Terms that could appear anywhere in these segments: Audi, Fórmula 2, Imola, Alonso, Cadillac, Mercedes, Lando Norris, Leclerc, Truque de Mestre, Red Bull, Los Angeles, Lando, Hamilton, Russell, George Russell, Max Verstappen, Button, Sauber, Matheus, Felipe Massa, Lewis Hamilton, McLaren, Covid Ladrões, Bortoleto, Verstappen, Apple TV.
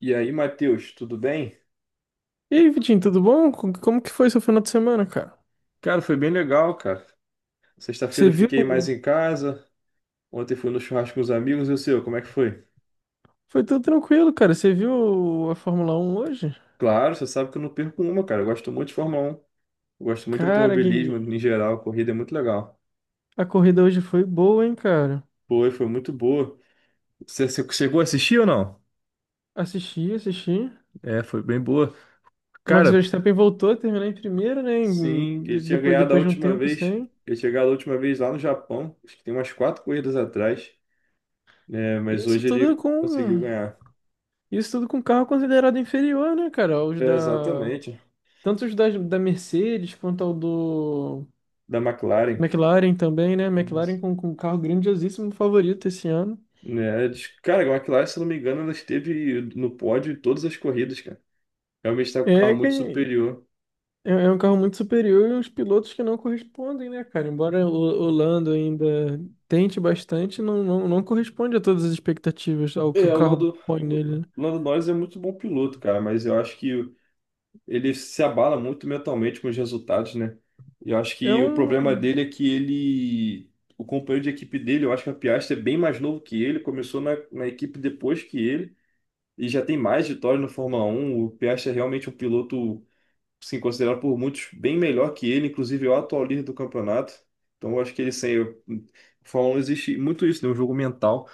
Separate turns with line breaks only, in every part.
E aí, Matheus, tudo bem?
E aí, Vitinho, tudo bom? Como que foi seu final de semana, cara?
Cara, foi bem legal, cara. Sexta-feira
Você
eu
viu?
fiquei mais em casa. Ontem fui no churrasco com os amigos. E o seu, como é que foi?
Foi tudo tranquilo, cara. Você viu a Fórmula Um hoje?
Claro, você sabe que eu não perco uma, cara. Eu gosto muito de Fórmula 1. Eu gosto muito de
Cara, que...
automobilismo em geral. A corrida é muito legal.
a corrida hoje foi boa, hein, cara?
Foi, muito boa. Você chegou a assistir ou não?
Assisti, assisti.
É, foi bem boa.
Max
Cara,
Verstappen voltou a terminar em primeiro, né?
sim, ele tinha
Depois,
ganhado a
depois de um
última
tempo
vez.
sem.
Eu tinha ganhado a última vez lá no Japão. Acho que tem umas 4 corridas atrás, né? Mas
Isso
hoje
tudo
ele conseguiu
com
ganhar.
isso tudo com carro considerado inferior, né, cara? Os
É,
da
exatamente.
Tanto os da Mercedes quanto ao do
Da McLaren.
McLaren também, né?
Isso.
McLaren com um carro grandiosíssimo favorito esse ano.
Cara, a McLaren, se eu não me engano, ela esteve no pódio em todas as corridas, cara. Realmente está com o carro
É, que
muito
é
superior.
É um carro muito superior e uns pilotos que não correspondem, né, cara? Embora o Lando ainda tente bastante, não corresponde a todas as expectativas, ao que o
É,
carro põe
O
nele, né?
Lando Norris é muito bom piloto, cara, mas eu acho que ele se abala muito mentalmente com os resultados, né? E eu acho
É
que o problema
um.
dele é que ele. O companheiro de equipe dele, eu acho que a Piastri é bem mais novo que ele, começou na equipe depois que ele, e já tem mais vitórias no Fórmula Um. O Piastri é realmente um piloto sim, considerado por muitos bem melhor que ele, inclusive é o atual líder do campeonato. Então eu acho que ele sem. Fórmula 1 existe muito isso, né? Um jogo mental,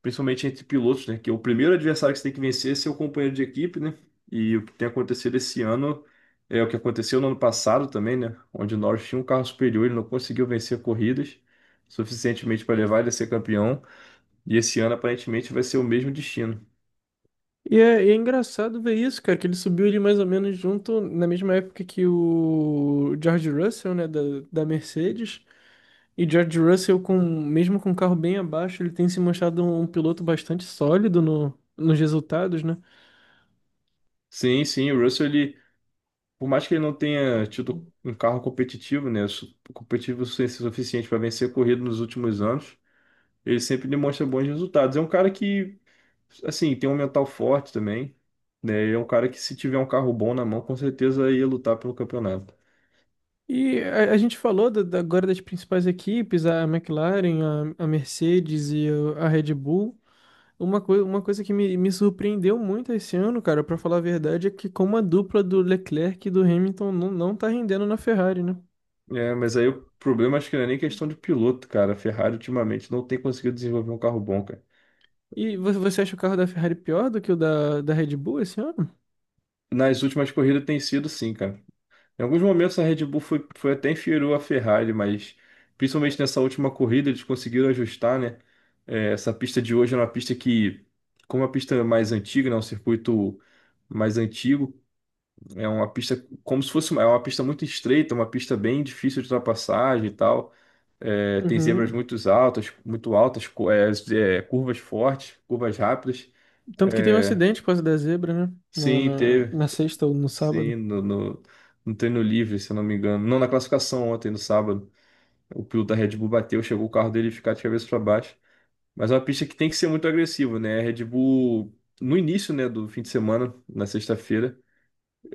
principalmente entre pilotos, né? Que é o primeiro adversário que você tem que vencer é seu companheiro de equipe, né? E o que tem acontecido esse ano é o que aconteceu no ano passado também, né? Onde o Norris tinha um carro superior, ele não conseguiu vencer corridas suficientemente para levar ele a ser campeão. E esse ano aparentemente vai ser o mesmo destino.
E é engraçado ver isso, cara, que ele subiu ali mais ou menos junto, na mesma época que o George Russell, né, da Mercedes. E George Russell, com, mesmo com o carro bem abaixo, ele tem se mostrado um piloto bastante sólido no, nos resultados, né?
Sim, sim, o Russell ele por mais que ele não tenha tido um carro competitivo, né, competitivo o suficiente para vencer corrida nos últimos anos, ele sempre demonstra bons resultados. É um cara que, assim, tem um mental forte também, né? E é um cara que se tiver um carro bom na mão, com certeza ia lutar pelo campeonato.
E a gente falou agora das principais equipes, a McLaren, a Mercedes e a Red Bull. Uma coisa que me surpreendeu muito esse ano, cara, pra falar a verdade, é que como a dupla do Leclerc e do Hamilton não tá rendendo na Ferrari, né?
É, mas aí o problema acho que não é nem questão de piloto, cara. A Ferrari ultimamente não tem conseguido desenvolver um carro bom, cara.
E você acha o carro da Ferrari pior do que o da Red Bull esse ano?
Nas últimas corridas tem sido sim, cara. Em alguns momentos a Red Bull foi até inferior à Ferrari, mas principalmente nessa última corrida eles conseguiram ajustar, né? É, essa pista de hoje é uma pista que, como é uma pista mais antiga, né? Um circuito mais antigo, é uma pista como se fosse uma, é uma pista muito estreita, uma pista bem difícil de ultrapassagem e tal. É, tem zebras
Uhum.
muito altas, é, curvas fortes, curvas rápidas.
Tanto que teve um
É,
acidente por causa da zebra, né?
sim, teve,
Na sexta ou no
sim,
sábado.
no treino livre, se eu não me engano. Não, na classificação ontem, no sábado. O piloto da Red Bull bateu, chegou o carro dele ficar de cabeça para baixo. Mas é uma pista que tem que ser muito agressiva, né? A Red Bull, no início, né, do fim de semana, na sexta-feira,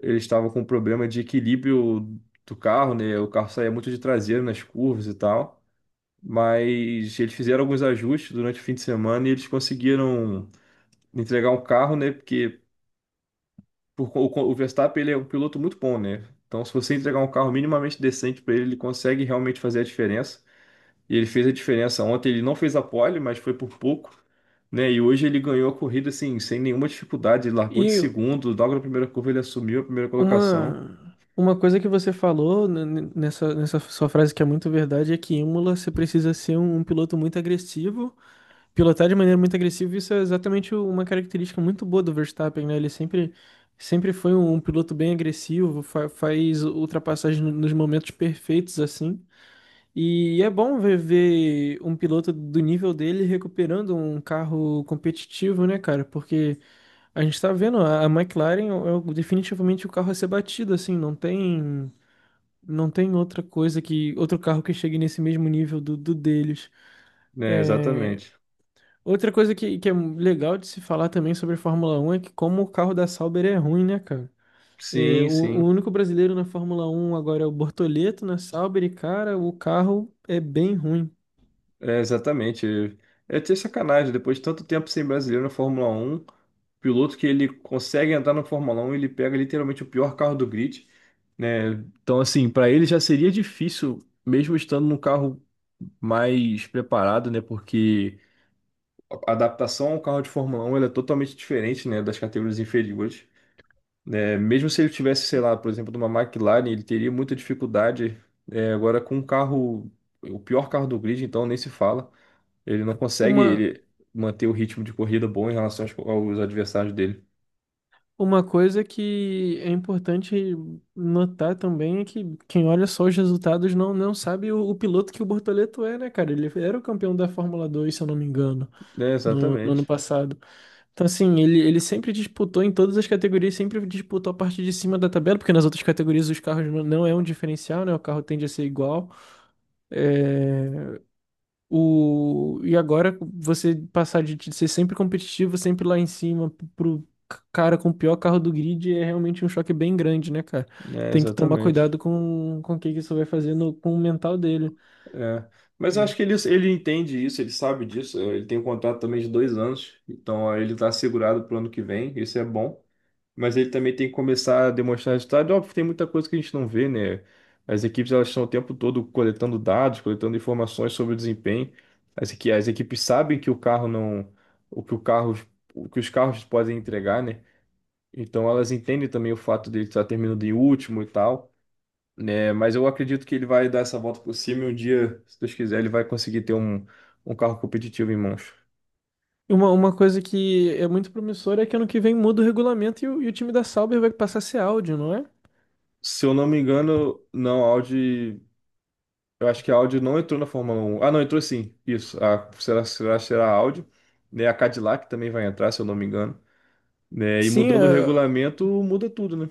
eles estavam com um problema de equilíbrio do carro, né? O carro saía muito de traseiro nas curvas e tal. Mas eles fizeram alguns ajustes durante o fim de semana e eles conseguiram entregar um carro, né? Porque o Verstappen, ele é um piloto muito bom, né? Então, se você entregar um carro minimamente decente para ele, ele consegue realmente fazer a diferença. E ele fez a diferença. Ontem ele não fez a pole, mas foi por pouco, né? E hoje ele ganhou a corrida assim, sem nenhuma dificuldade. Ele largou de
E
segundo, logo na primeira curva ele assumiu a primeira colocação,
Uma coisa que você falou nessa, nessa sua frase que é muito verdade é que em Imola você precisa ser um piloto muito agressivo, pilotar de maneira muito agressiva, isso é exatamente uma característica muito boa do Verstappen, né? Sempre foi um piloto bem agressivo, faz ultrapassagem nos momentos perfeitos assim. E é bom ver um piloto do nível dele recuperando um carro competitivo, né, cara? Porque a gente tá vendo, a McLaren é definitivamente o carro a ser batido, assim, não tem outra coisa, que outro carro que chegue nesse mesmo nível do deles.
né?
É,
Exatamente.
outra coisa que é legal de se falar também sobre a Fórmula 1 é que como o carro da Sauber é ruim, né, cara? É,
Sim,
o
sim,
único brasileiro na Fórmula 1 agora é o Bortoleto na Sauber e, cara, o carro é bem ruim.
é exatamente. É ter sacanagem, depois de tanto tempo sem brasileiro na Fórmula Um, piloto que ele consegue entrar na Fórmula Um ele pega literalmente o pior carro do grid, né? Então, assim, para ele já seria difícil, mesmo estando num carro mais preparado, né? Porque a adaptação ao carro de Fórmula 1 ela é totalmente diferente, né, das categorias inferiores. Né? Mesmo se ele tivesse, sei lá, por exemplo, de uma McLaren, ele teria muita dificuldade. É, agora, com um carro, o pior carro do grid, então nem se fala. Ele não consegue
Uma,
ele manter o ritmo de corrida bom em relação aos adversários dele.
Uma coisa que é importante notar também é que quem olha só os resultados não sabe o piloto que o Bortoleto é, né, cara? Ele era o campeão da Fórmula 2, se eu não me engano,
É,
no ano
exatamente.
passado. Então, assim, ele sempre disputou em todas as categorias, sempre disputou a parte de cima da tabela, porque nas outras categorias os carros não é um diferencial, né? O carro tende a ser igual. É, o... E agora você passar de ser sempre competitivo, sempre lá em cima, pro cara com o pior carro do grid é realmente um choque bem grande, né, cara?
É,
Tem que tomar
exatamente.
cuidado com o que que isso vai fazer com o mental dele.
É. Mas eu acho que ele entende isso, ele sabe disso. Ele tem um contrato também de 2 anos, então ó, ele está assegurado para o ano que vem. Isso é bom. Mas ele também tem que começar a demonstrar resultado. É óbvio, tem muita coisa que a gente não vê, né? As equipes elas estão o tempo todo coletando dados, coletando informações sobre o desempenho. As, as equipes sabem que o carro não, o que o carro, o que os carros podem entregar, né? Então elas entendem também o fato dele estar terminando em último e tal, né? Mas eu acredito que ele vai dar essa volta por cima e um dia, se Deus quiser, ele vai conseguir ter um, um carro competitivo em mãos.
Uma coisa que é muito promissora é que ano que vem muda o regulamento e o time da Sauber vai passar a ser Audi, não é?
Se eu não me engano, não, a Audi eu acho que a Audi não entrou na Fórmula um. Ah, não, entrou sim. Isso. A, será, será a Audi. Né? A Cadillac também vai entrar, se eu não me engano. Né? E
Sim, é,
mudando o regulamento, muda tudo, né?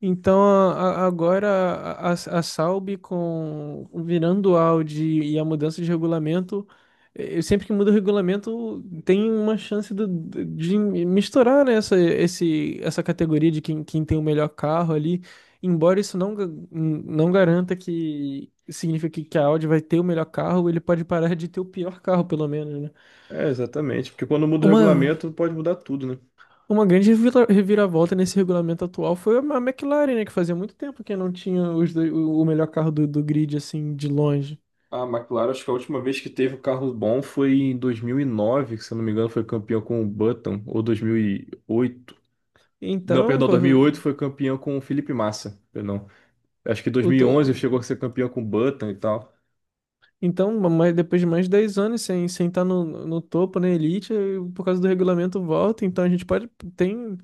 Então, agora a Salb com virando o Audi e a mudança de regulamento, sempre que muda o regulamento, tem uma chance de misturar, né, essa categoria de quem tem o melhor carro ali. Embora isso não garanta que signifique que a Audi vai ter o melhor carro, ele pode parar de ter o pior carro, pelo menos, né?
É, exatamente. Porque quando muda o
Uma,
regulamento, pode mudar tudo, né?
uma grande reviravolta nesse regulamento atual foi a McLaren, né? Que fazia muito tempo que não tinha os dois- o melhor carro do grid, assim, de longe.
A McLaren, acho que a última vez que teve um carro bom foi em 2009, que se eu não me engano foi campeão com o Button, ou 2008. Não,
Então,
perdão,
foi-
2008 foi campeão com o Felipe Massa, perdão. Acho que dois
o
mil e
to-
onze chegou a ser campeão com o Button e tal.
então mas depois de mais de 10 anos sem estar no topo, na elite, por causa do regulamento volta. Então, a gente pode... Tem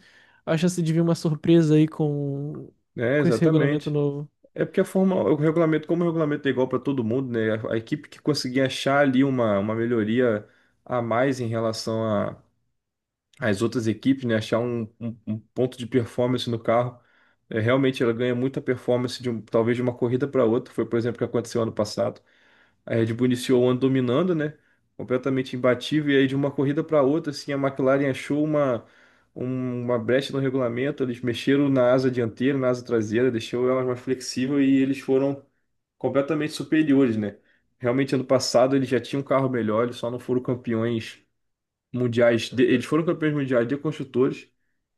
a chance de vir uma surpresa aí
É,
com esse regulamento
exatamente.
novo.
É porque a forma, o regulamento, como o regulamento é igual para todo mundo, né? A equipe que conseguir achar ali uma melhoria a mais em relação a, as outras equipes, né, achar um, um ponto de performance no carro. É, realmente ela ganha muita performance de talvez de uma corrida para outra. Foi, por exemplo, o que aconteceu ano passado. A Red Bull iniciou o ano dominando, né? Completamente imbatível. E aí, de uma corrida para outra, assim, a McLaren achou uma, uma brecha no regulamento. Eles mexeram na asa dianteira, na asa traseira, deixou ela mais flexível e eles foram completamente superiores, né? Realmente, ano passado, eles já tinham um carro melhor, eles só não foram campeões mundiais, eles foram campeões mundiais de construtores,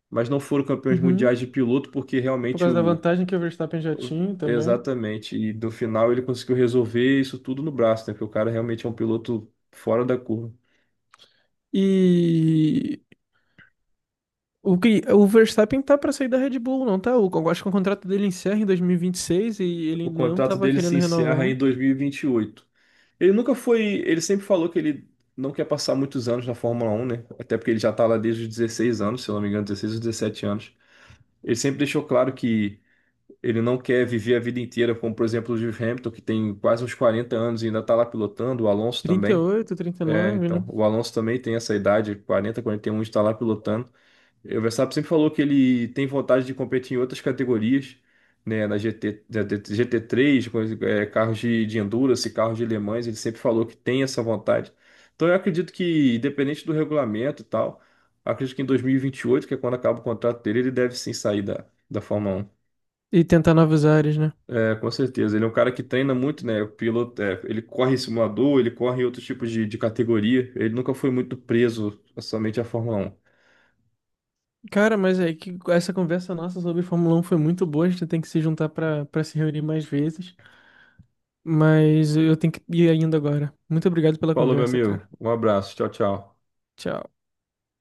mas não foram campeões
Uhum.
mundiais de piloto, porque
Por
realmente
causa da
o,
vantagem que o Verstappen já
o-
tinha também.
exatamente, e no final ele conseguiu resolver isso tudo no braço, né? Porque o cara realmente é um piloto fora da curva.
E... O que, o Verstappen tá pra sair da Red Bull, não tá? O, eu acho que o contrato dele encerra em dois mil e vinte e seis e ele
O
ainda não
contrato
tava
dele se
querendo
encerra
renovar.
em dois mil e vinte e oito. Ele nunca foi, ele sempre falou que ele não quer passar muitos anos na Fórmula Um, né? Até porque ele já tá lá desde os 16 anos, se eu não me engano, 16 ou 17 anos. Ele sempre deixou claro que ele não quer viver a vida inteira, como por exemplo o Lewis Hamilton, que tem quase uns 40 anos e ainda está lá pilotando, o Alonso
Trinta
também.
e
É,
39,
então,
né?
o Alonso também tem essa idade, 40, 41, está lá pilotando. O Verstappen sempre falou que ele tem vontade de competir em outras categorias, né, na GT, na GT3, com, é, carros de endurance, carros de Le Mans, ele sempre falou que tem essa vontade. Então, eu acredito que, independente do regulamento e tal, acredito que em 2028, que é quando acaba o contrato dele, ele deve sim sair da Fórmula um.
E tentar novos ares, né?
É, com certeza. Ele é um cara que treina muito, né? O piloto, é, ele corre em simulador, ele corre em outros tipos de categoria. Ele nunca foi muito preso somente à Fórmula 1.
Cara, mas é que essa conversa nossa sobre Fórmula um foi muito boa. A gente tem que se juntar pra para se reunir mais vezes. Mas eu tenho que ir ainda agora. Muito obrigado pela
Falou, meu
conversa,
amigo.
cara.
Um abraço. Tchau, tchau.
Tchau.